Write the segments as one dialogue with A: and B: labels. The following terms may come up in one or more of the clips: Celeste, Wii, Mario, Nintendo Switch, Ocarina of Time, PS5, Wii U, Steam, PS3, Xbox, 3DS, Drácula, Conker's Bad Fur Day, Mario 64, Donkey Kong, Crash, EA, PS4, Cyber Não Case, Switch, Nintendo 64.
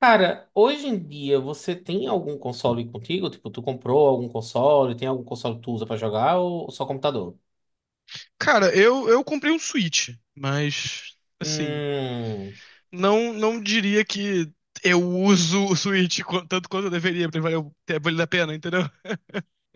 A: Cara, hoje em dia você tem algum console contigo? Tipo, tu comprou algum console? Tem algum console que tu usa pra jogar ou só computador?
B: Cara, eu comprei um Switch, mas assim,
A: Hum.
B: não diria que eu uso o Switch tanto quanto eu deveria pra valer, ter valido a pena, entendeu?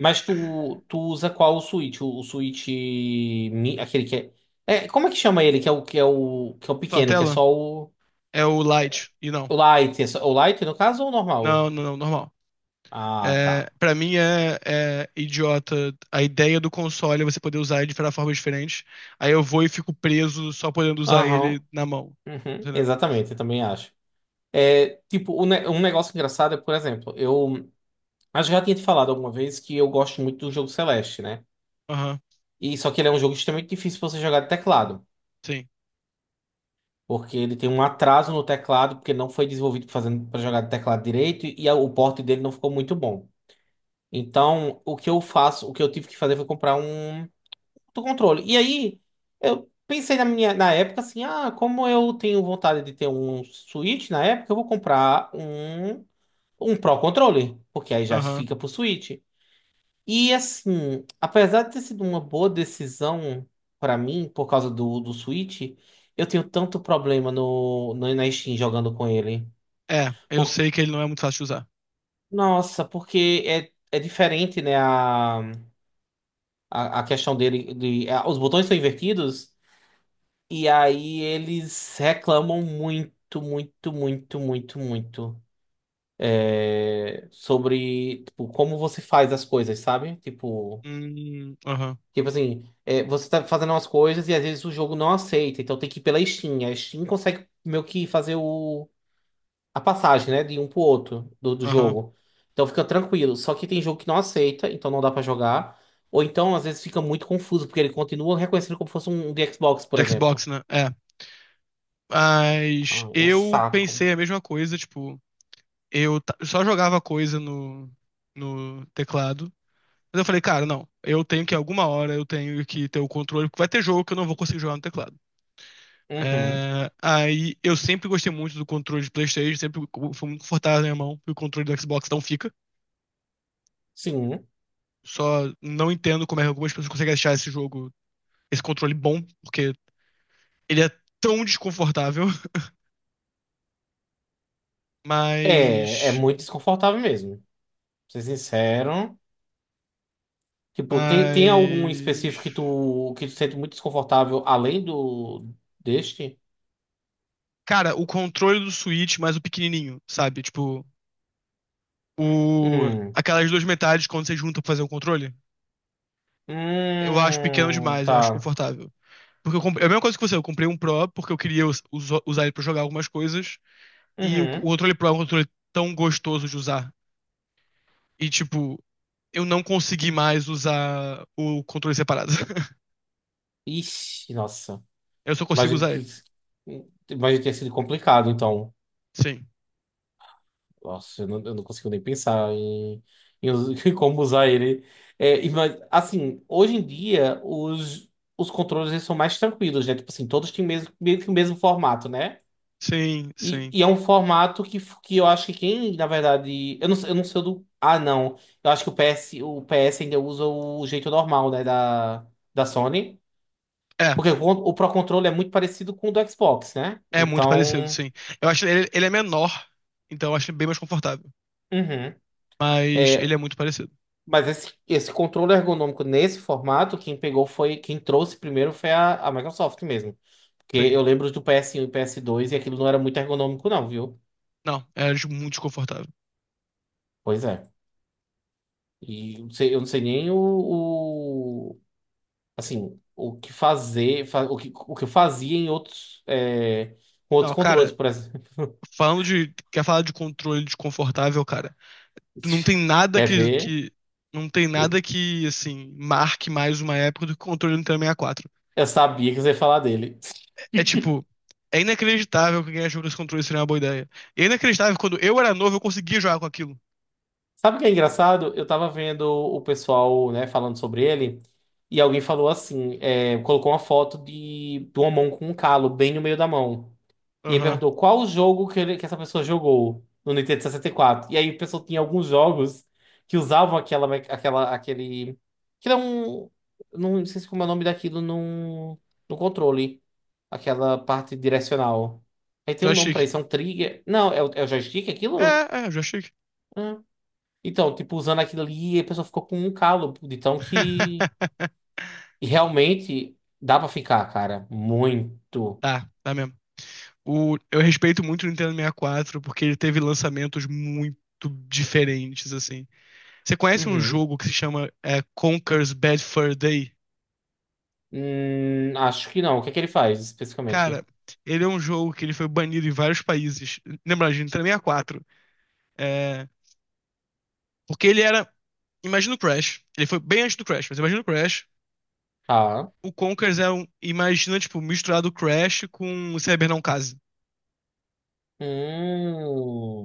A: Mas tu usa qual o Switch? O Switch aquele que como é que chama ele? Que é o que é o
B: Tua
A: pequeno, que é
B: tela
A: só
B: é o Lite, e não.
A: o Lite, o Lite no caso ou o normal?
B: Não, normal.
A: Ah,
B: É,
A: tá.
B: para mim é idiota. A ideia do console é você poder usar ele de formas diferentes. Aí eu vou e fico preso só podendo usar
A: Aham.
B: ele na mão.
A: Uhum,
B: Entendeu?
A: exatamente, eu também acho. É, tipo, um negócio engraçado é, por exemplo, eu acho que já tinha te falado alguma vez que eu gosto muito do jogo Celeste, né?
B: Aham,
A: E só que ele é um jogo extremamente difícil pra você jogar de teclado,
B: sim.
A: porque ele tem um atraso no teclado, porque não foi desenvolvido fazendo para jogar de teclado direito e o porte dele não ficou muito bom. Então, o que eu faço, o que eu tive que fazer foi comprar um outro controle. E aí, eu pensei na época assim, ah, como eu tenho vontade de ter um Switch na época, eu vou comprar um Pro controle, porque aí já
B: Aham.
A: fica pro Switch. E assim, apesar de ter sido uma boa decisão pra mim, por causa do Switch, eu tenho tanto problema no, no, na Steam jogando com ele.
B: É, eu
A: Por-
B: sei que ele não é muito fácil de usar.
A: Nossa, porque é diferente, né? A questão dele. Os botões são invertidos, e aí eles reclamam muito, muito, muito, muito, muito. É, sobre, tipo, como você faz as coisas, sabe? Tipo.
B: Hum, aham,
A: Tipo assim, é, você tá fazendo umas coisas e às vezes o jogo não aceita, então tem que ir pela Steam. A Steam consegue meio que fazer a passagem, né, de um pro outro do
B: aham.
A: jogo. Então fica tranquilo. Só que tem jogo que não aceita, então não dá pra jogar. Ou então às vezes fica muito confuso, porque ele continua reconhecendo como fosse um de Xbox, por
B: De
A: exemplo.
B: Xbox, né? É. Mas
A: Ah, é um
B: eu
A: saco.
B: pensei a mesma coisa, tipo, só jogava coisa no teclado. Mas eu falei, cara, não, eu tenho que ter o controle, porque vai ter jogo que eu não vou conseguir jogar no teclado.
A: Uhum.
B: É, aí eu sempre gostei muito do controle de PlayStation, foi muito confortável na minha mão, e o controle do Xbox não fica.
A: Sim.
B: Só não entendo como é que algumas pessoas conseguem achar esse controle bom, porque ele é tão desconfortável,
A: É, é
B: mas
A: muito desconfortável mesmo. Pra ser sincero. Tipo, tem algum
B: Mas.
A: específico que tu sente muito desconfortável além do deste?
B: Cara, o controle do Switch, mas o pequenininho, sabe? Tipo, o...
A: Hum.
B: aquelas duas metades quando você junta pra fazer o controle, eu acho pequeno demais, eu acho
A: Tá.
B: confortável. Porque eu comprei... é a mesma coisa que você, eu comprei um Pro porque eu queria usar ele pra jogar algumas coisas, e o
A: Uhum.
B: controle Pro é um controle tão gostoso de usar. E, tipo, eu não consegui mais usar o controle separado.
A: Ixi, nossa.
B: Eu só consigo
A: Imagino
B: usar
A: que,
B: ele.
A: imagino que tenha sido complicado, então.
B: Sim,
A: Nossa, eu não consigo nem pensar em, em como usar ele. É, assim, hoje em dia, os controles eles são mais tranquilos, né? Tipo assim, todos têm mesmo, meio que o mesmo formato, né?
B: sim, sim.
A: E é um formato que eu acho que quem, na verdade. Eu não sei o do. Ah, não. Eu acho que o PS ainda usa o jeito normal, né? Da Sony.
B: É,
A: Porque o Pro Controller é muito parecido com o do Xbox, né?
B: é muito parecido,
A: Então.
B: sim. Eu ele é menor, então eu acho ele bem mais confortável.
A: Uhum.
B: Mas ele é
A: É,
B: muito parecido,
A: mas esse controle ergonômico nesse formato, quem pegou foi. Quem trouxe primeiro foi a Microsoft mesmo. Porque
B: sim.
A: eu lembro do PS1 e PS2 e aquilo não era muito ergonômico, não, viu?
B: Não, muito desconfortável.
A: Pois é. Eu não sei nem assim, o que eu fazia em outros, é, com
B: Não,
A: outros controles,
B: cara,
A: por exemplo.
B: falando de. Quer falar de controle desconfortável, cara? Não tem nada
A: Quer
B: que,
A: ver?
B: que. Não tem nada que, assim, marque mais uma época do que o controle do Nintendo 64.
A: Eu sabia que você ia falar dele.
B: É tipo. É inacreditável que quem achou que esse controle seria uma boa ideia. E é inacreditável que quando eu era novo eu conseguia jogar com aquilo.
A: Sabe o que é engraçado? Eu tava vendo o pessoal, né, falando sobre ele, e alguém falou assim, é, colocou uma foto de uma mão com um calo bem no meio da mão. E aí
B: Aham.
A: perguntou qual o jogo que, que essa pessoa jogou no Nintendo 64. E quatro. E aí a pessoa tinha alguns jogos que usavam aquele. Que era um. Não sei se como é o nome daquilo no controle. Aquela parte direcional. Aí tem um nome pra
B: Joystick.
A: isso, é um trigger. Não, é o joystick aquilo?
B: É, é, joystick.
A: Ah. Então, tipo, usando aquilo ali, a pessoa ficou com um calo de tão que. E realmente dá pra ficar, cara. Muito.
B: Tá, tá mesmo. Eu respeito muito o Nintendo 64 porque ele teve lançamentos muito diferentes, assim. Você conhece um
A: Uhum.
B: jogo que se chama Conker's Bad Fur Day?
A: Acho que não. O que é que ele faz especificamente?
B: Cara, ele é um jogo que ele foi banido em vários países. Lembra, de Nintendo 64. É, porque ele era. Imagina o Crash. Ele foi bem antes do Crash, mas imagina o Crash.
A: Tá.
B: O Conkers é um. Imagina, tipo, misturado o Crash com o Cyber Não Case.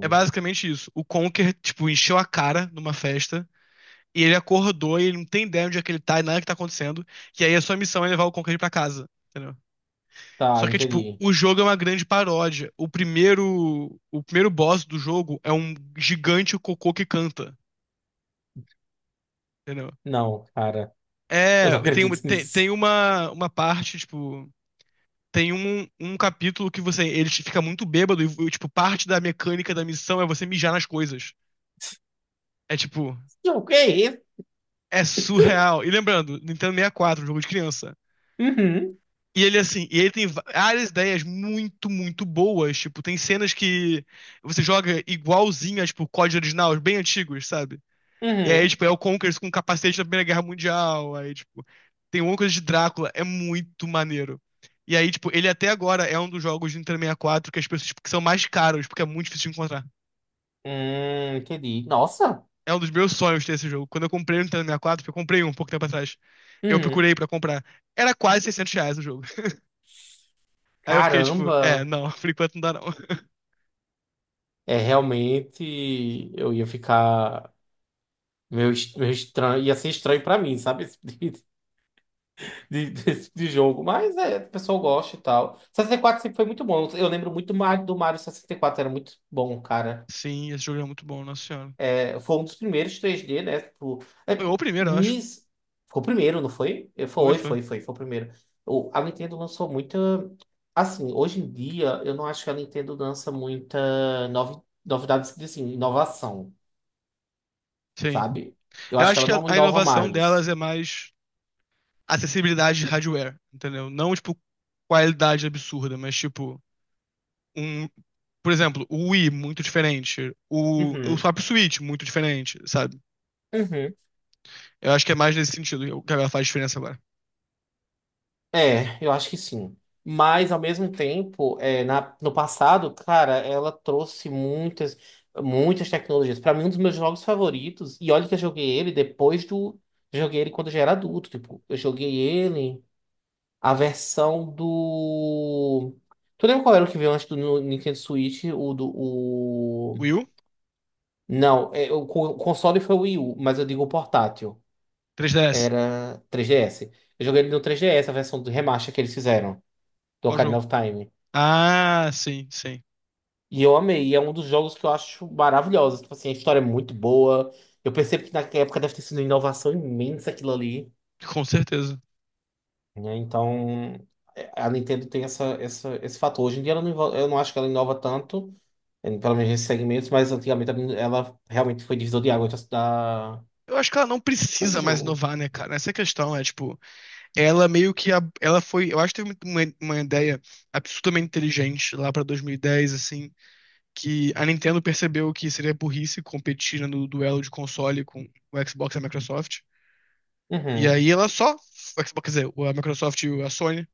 B: É basicamente isso. O Conker, tipo, encheu a cara numa festa. E ele acordou e ele não tem ideia onde é que ele tá e nada que tá acontecendo. E aí a sua missão é levar o Conqueror pra casa, entendeu?
A: tá,
B: Só que, tipo,
A: entendi.
B: o jogo é uma grande paródia. O primeiro boss do jogo é um gigante cocô que canta, entendeu?
A: Não, cara, eu
B: É,
A: não
B: tem, uma-
A: acredito
B: tem, tem
A: nisso.
B: uma, uma parte, tipo, tem um capítulo que você, ele te fica muito bêbado e, tipo, parte da mecânica da missão é você mijar nas coisas. É, tipo,
A: O que é isso?
B: é surreal. E lembrando, Nintendo 64, jogo de criança.
A: Uhum,
B: E ele tem várias ideias muito boas. Tipo, tem cenas que você joga igualzinho a, tipo, código original, bem antigos, sabe? E aí,
A: uhum.
B: tipo, é o Conkers com capacete da Primeira Guerra Mundial. Aí, tipo, tem uma coisa de Drácula, é muito maneiro. E aí, tipo, ele até agora é um dos jogos de Nintendo 64 que que são mais caros, porque é muito difícil de encontrar.
A: Entendi. Nossa.
B: É um dos meus sonhos ter esse jogo. Quando eu comprei o Nintendo 64, eu comprei um pouco tempo atrás. Eu
A: Uhum.
B: procurei pra comprar. Era quase R$ 600 o jogo. Aí eu fiquei tipo, é,
A: Caramba.
B: não, por enquanto não dá não.
A: É realmente. Eu ia ficar. Meio, meio estranho. Ia ser estranho pra mim, sabe? Esse tipo desse tipo de jogo. Mas é, o pessoal gosta e tal. 64 sempre foi muito bom. Eu lembro muito do Mario 64. Era muito bom, cara.
B: Sim, esse jogo é muito bom, Nossa Senhora.
A: É, foi um dos primeiros 3D, né? Tipo,
B: Foi
A: é,
B: o primeiro, eu acho.
A: Nis... Foi o primeiro, não foi? É,
B: Foi, foi.
A: Foi o primeiro. O, a Nintendo lançou muita. Assim, hoje em dia, eu não acho que a Nintendo lança muita novi... novidades assim, inovação,
B: Sim.
A: sabe? Eu
B: Eu
A: acho que
B: acho
A: ela
B: que
A: não
B: a
A: inova
B: inovação delas
A: mais.
B: é mais acessibilidade de hardware, entendeu? Não, tipo, qualidade absurda, mas tipo, um, por exemplo, o Wii, muito diferente. O
A: Uhum.
B: próprio Switch, muito diferente, sabe?
A: Uhum.
B: Eu acho que é mais nesse sentido que ela faz diferença agora.
A: É, eu acho que sim. Mas, ao mesmo tempo, é, no passado, cara, ela trouxe muitas, muitas tecnologias. Pra mim, um dos meus jogos favoritos, e olha que eu joguei ele depois do. Joguei ele quando eu já era adulto. Tipo, eu joguei ele, a versão do. Tu lembra qual era o que veio antes do Nintendo Switch? O do. O...
B: Wii U?
A: Não, é, o console foi o Wii U, mas eu digo o portátil.
B: 3DS?
A: Era 3DS. Eu joguei ele no 3DS, a versão do remaster que eles fizeram do
B: Qual
A: Ocarina
B: jogo?
A: of Time.
B: Ah, sim, sim.
A: E eu amei, e é um dos jogos que eu acho maravilhosos. Tipo assim, a história é muito boa. Eu percebo que naquela época deve ter sido uma inovação imensa aquilo ali,
B: Com certeza.
A: né? Então, é, a Nintendo tem esse fator. Hoje em dia ela não, eu não acho que ela inova tanto, pelo menos nesses segmentos, mas antigamente ela realmente foi divisor de água da... da-
B: Eu acho que ela não
A: Coisa de
B: precisa mais
A: jogo.
B: inovar, né, cara? Essa é a questão, é tipo. Ela meio que. A- Ela foi. Eu acho que teve uma ideia absolutamente inteligente lá pra 2010, assim. Que a Nintendo percebeu que seria burrice competir, né, no duelo de console com o Xbox e a Microsoft. E
A: Uhum.
B: aí ela só. O Xbox, quer dizer, a Microsoft e a Sony.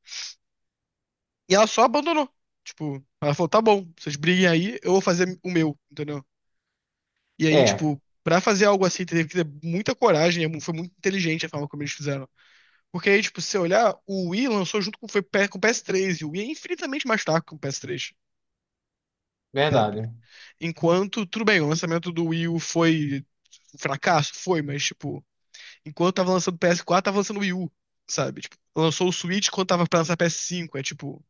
B: E ela só abandonou. Tipo, ela falou: tá bom, vocês briguem aí, eu vou fazer o meu, entendeu? E aí,
A: É,
B: tipo, pra fazer algo assim, teve que ter muita coragem. Foi muito inteligente a forma como eles fizeram. Porque aí, tipo, se você olhar, o Wii lançou junto com, com o PS3, e o Wii é infinitamente mais fraco que o PS3, sabe?
A: verdade.
B: Enquanto, tudo bem, o lançamento do Wii U foi um fracasso, foi, mas, tipo, enquanto tava lançando o PS4, tava lançando o Wii U, sabe? Tipo, lançou o Switch quando tava pra lançar o PS5, é tipo,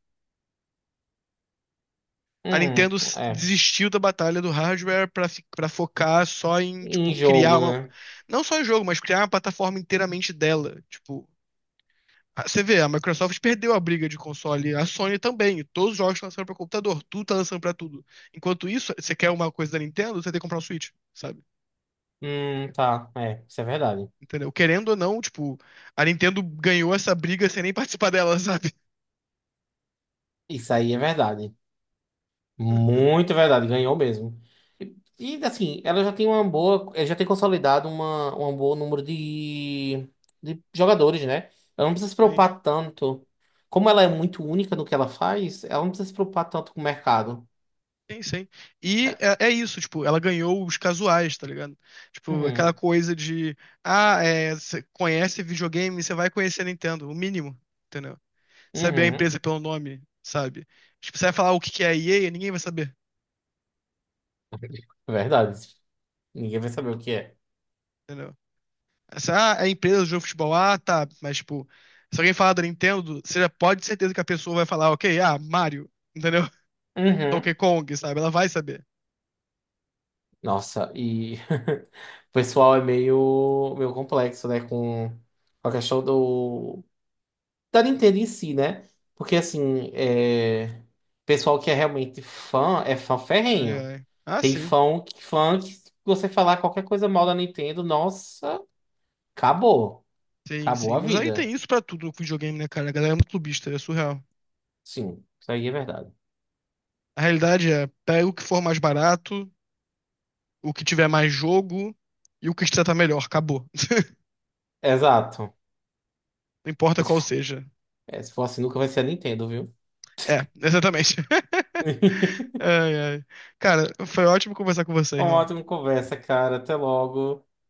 B: a
A: Hum,
B: Nintendo s-
A: é.
B: desistiu da batalha do hardware pra, pra focar só em, tipo,
A: Em jogo, né?
B: não só em jogo, mas criar uma plataforma inteiramente dela, tipo, Ah, você vê, a Microsoft perdeu a briga de console, a Sony também. Todos os jogos estão lançando para computador, tudo tá lançando para tudo. Enquanto isso, você quer uma coisa da Nintendo, você tem que comprar um Switch, sabe?
A: Tá. É, isso é verdade.
B: Entendeu? Querendo ou não, tipo, a Nintendo ganhou essa briga sem nem participar dela, sabe?
A: Isso aí é verdade. Muito verdade, ganhou mesmo. E, assim, ela já tem uma boa, eh, já tem consolidado uma, um bom número de jogadores, né? Ela não precisa se
B: Sim,
A: preocupar tanto. Como ela é muito única no que ela faz, ela não precisa se preocupar tanto com o mercado.
B: sim. E
A: É,
B: é, é isso, tipo, ela ganhou os casuais, tá ligado? Tipo, aquela
A: uhum,
B: coisa de, ah, é, você conhece videogame, você vai conhecer a Nintendo, o mínimo, entendeu? Saber a
A: uhum.
B: empresa pelo nome, sabe? Tipo, você vai falar o que que é a EA, ninguém vai saber.
A: Verdade. Ninguém vai saber o que é.
B: Entendeu? Essa, ah, é a empresa de futebol, ah, tá, mas tipo, se alguém falar da Nintendo, você já pode ter certeza que a pessoa vai falar, ok, ah, Mario, entendeu? Donkey
A: Uhum.
B: Kong, sabe? Ela vai saber.
A: Nossa, e o pessoal é meio, meio complexo, né? Com a questão do, da Nintendo em si, né? Porque assim, é... pessoal que é realmente fã é fã
B: Ai,
A: ferrenho.
B: ai. Ah,
A: Tem fã que se você falar qualquer coisa mal da Nintendo, nossa, acabou. Acabou
B: sim.
A: a
B: Mas aí tem
A: vida.
B: isso pra tudo no videogame, né, cara? A galera é muito clubista, é surreal.
A: Sim, isso aí é verdade.
B: A realidade é, pega o que for mais barato, o que tiver mais jogo e o que te tratar melhor, acabou.
A: Exato.
B: Não importa
A: É, se
B: qual
A: for,
B: seja.
A: é, se for assim, nunca vai ser a Nintendo, viu?
B: É, exatamente. Ai, ai. Cara, foi ótimo conversar com você,
A: Uma
B: irmão.
A: ótima conversa, cara. Até logo.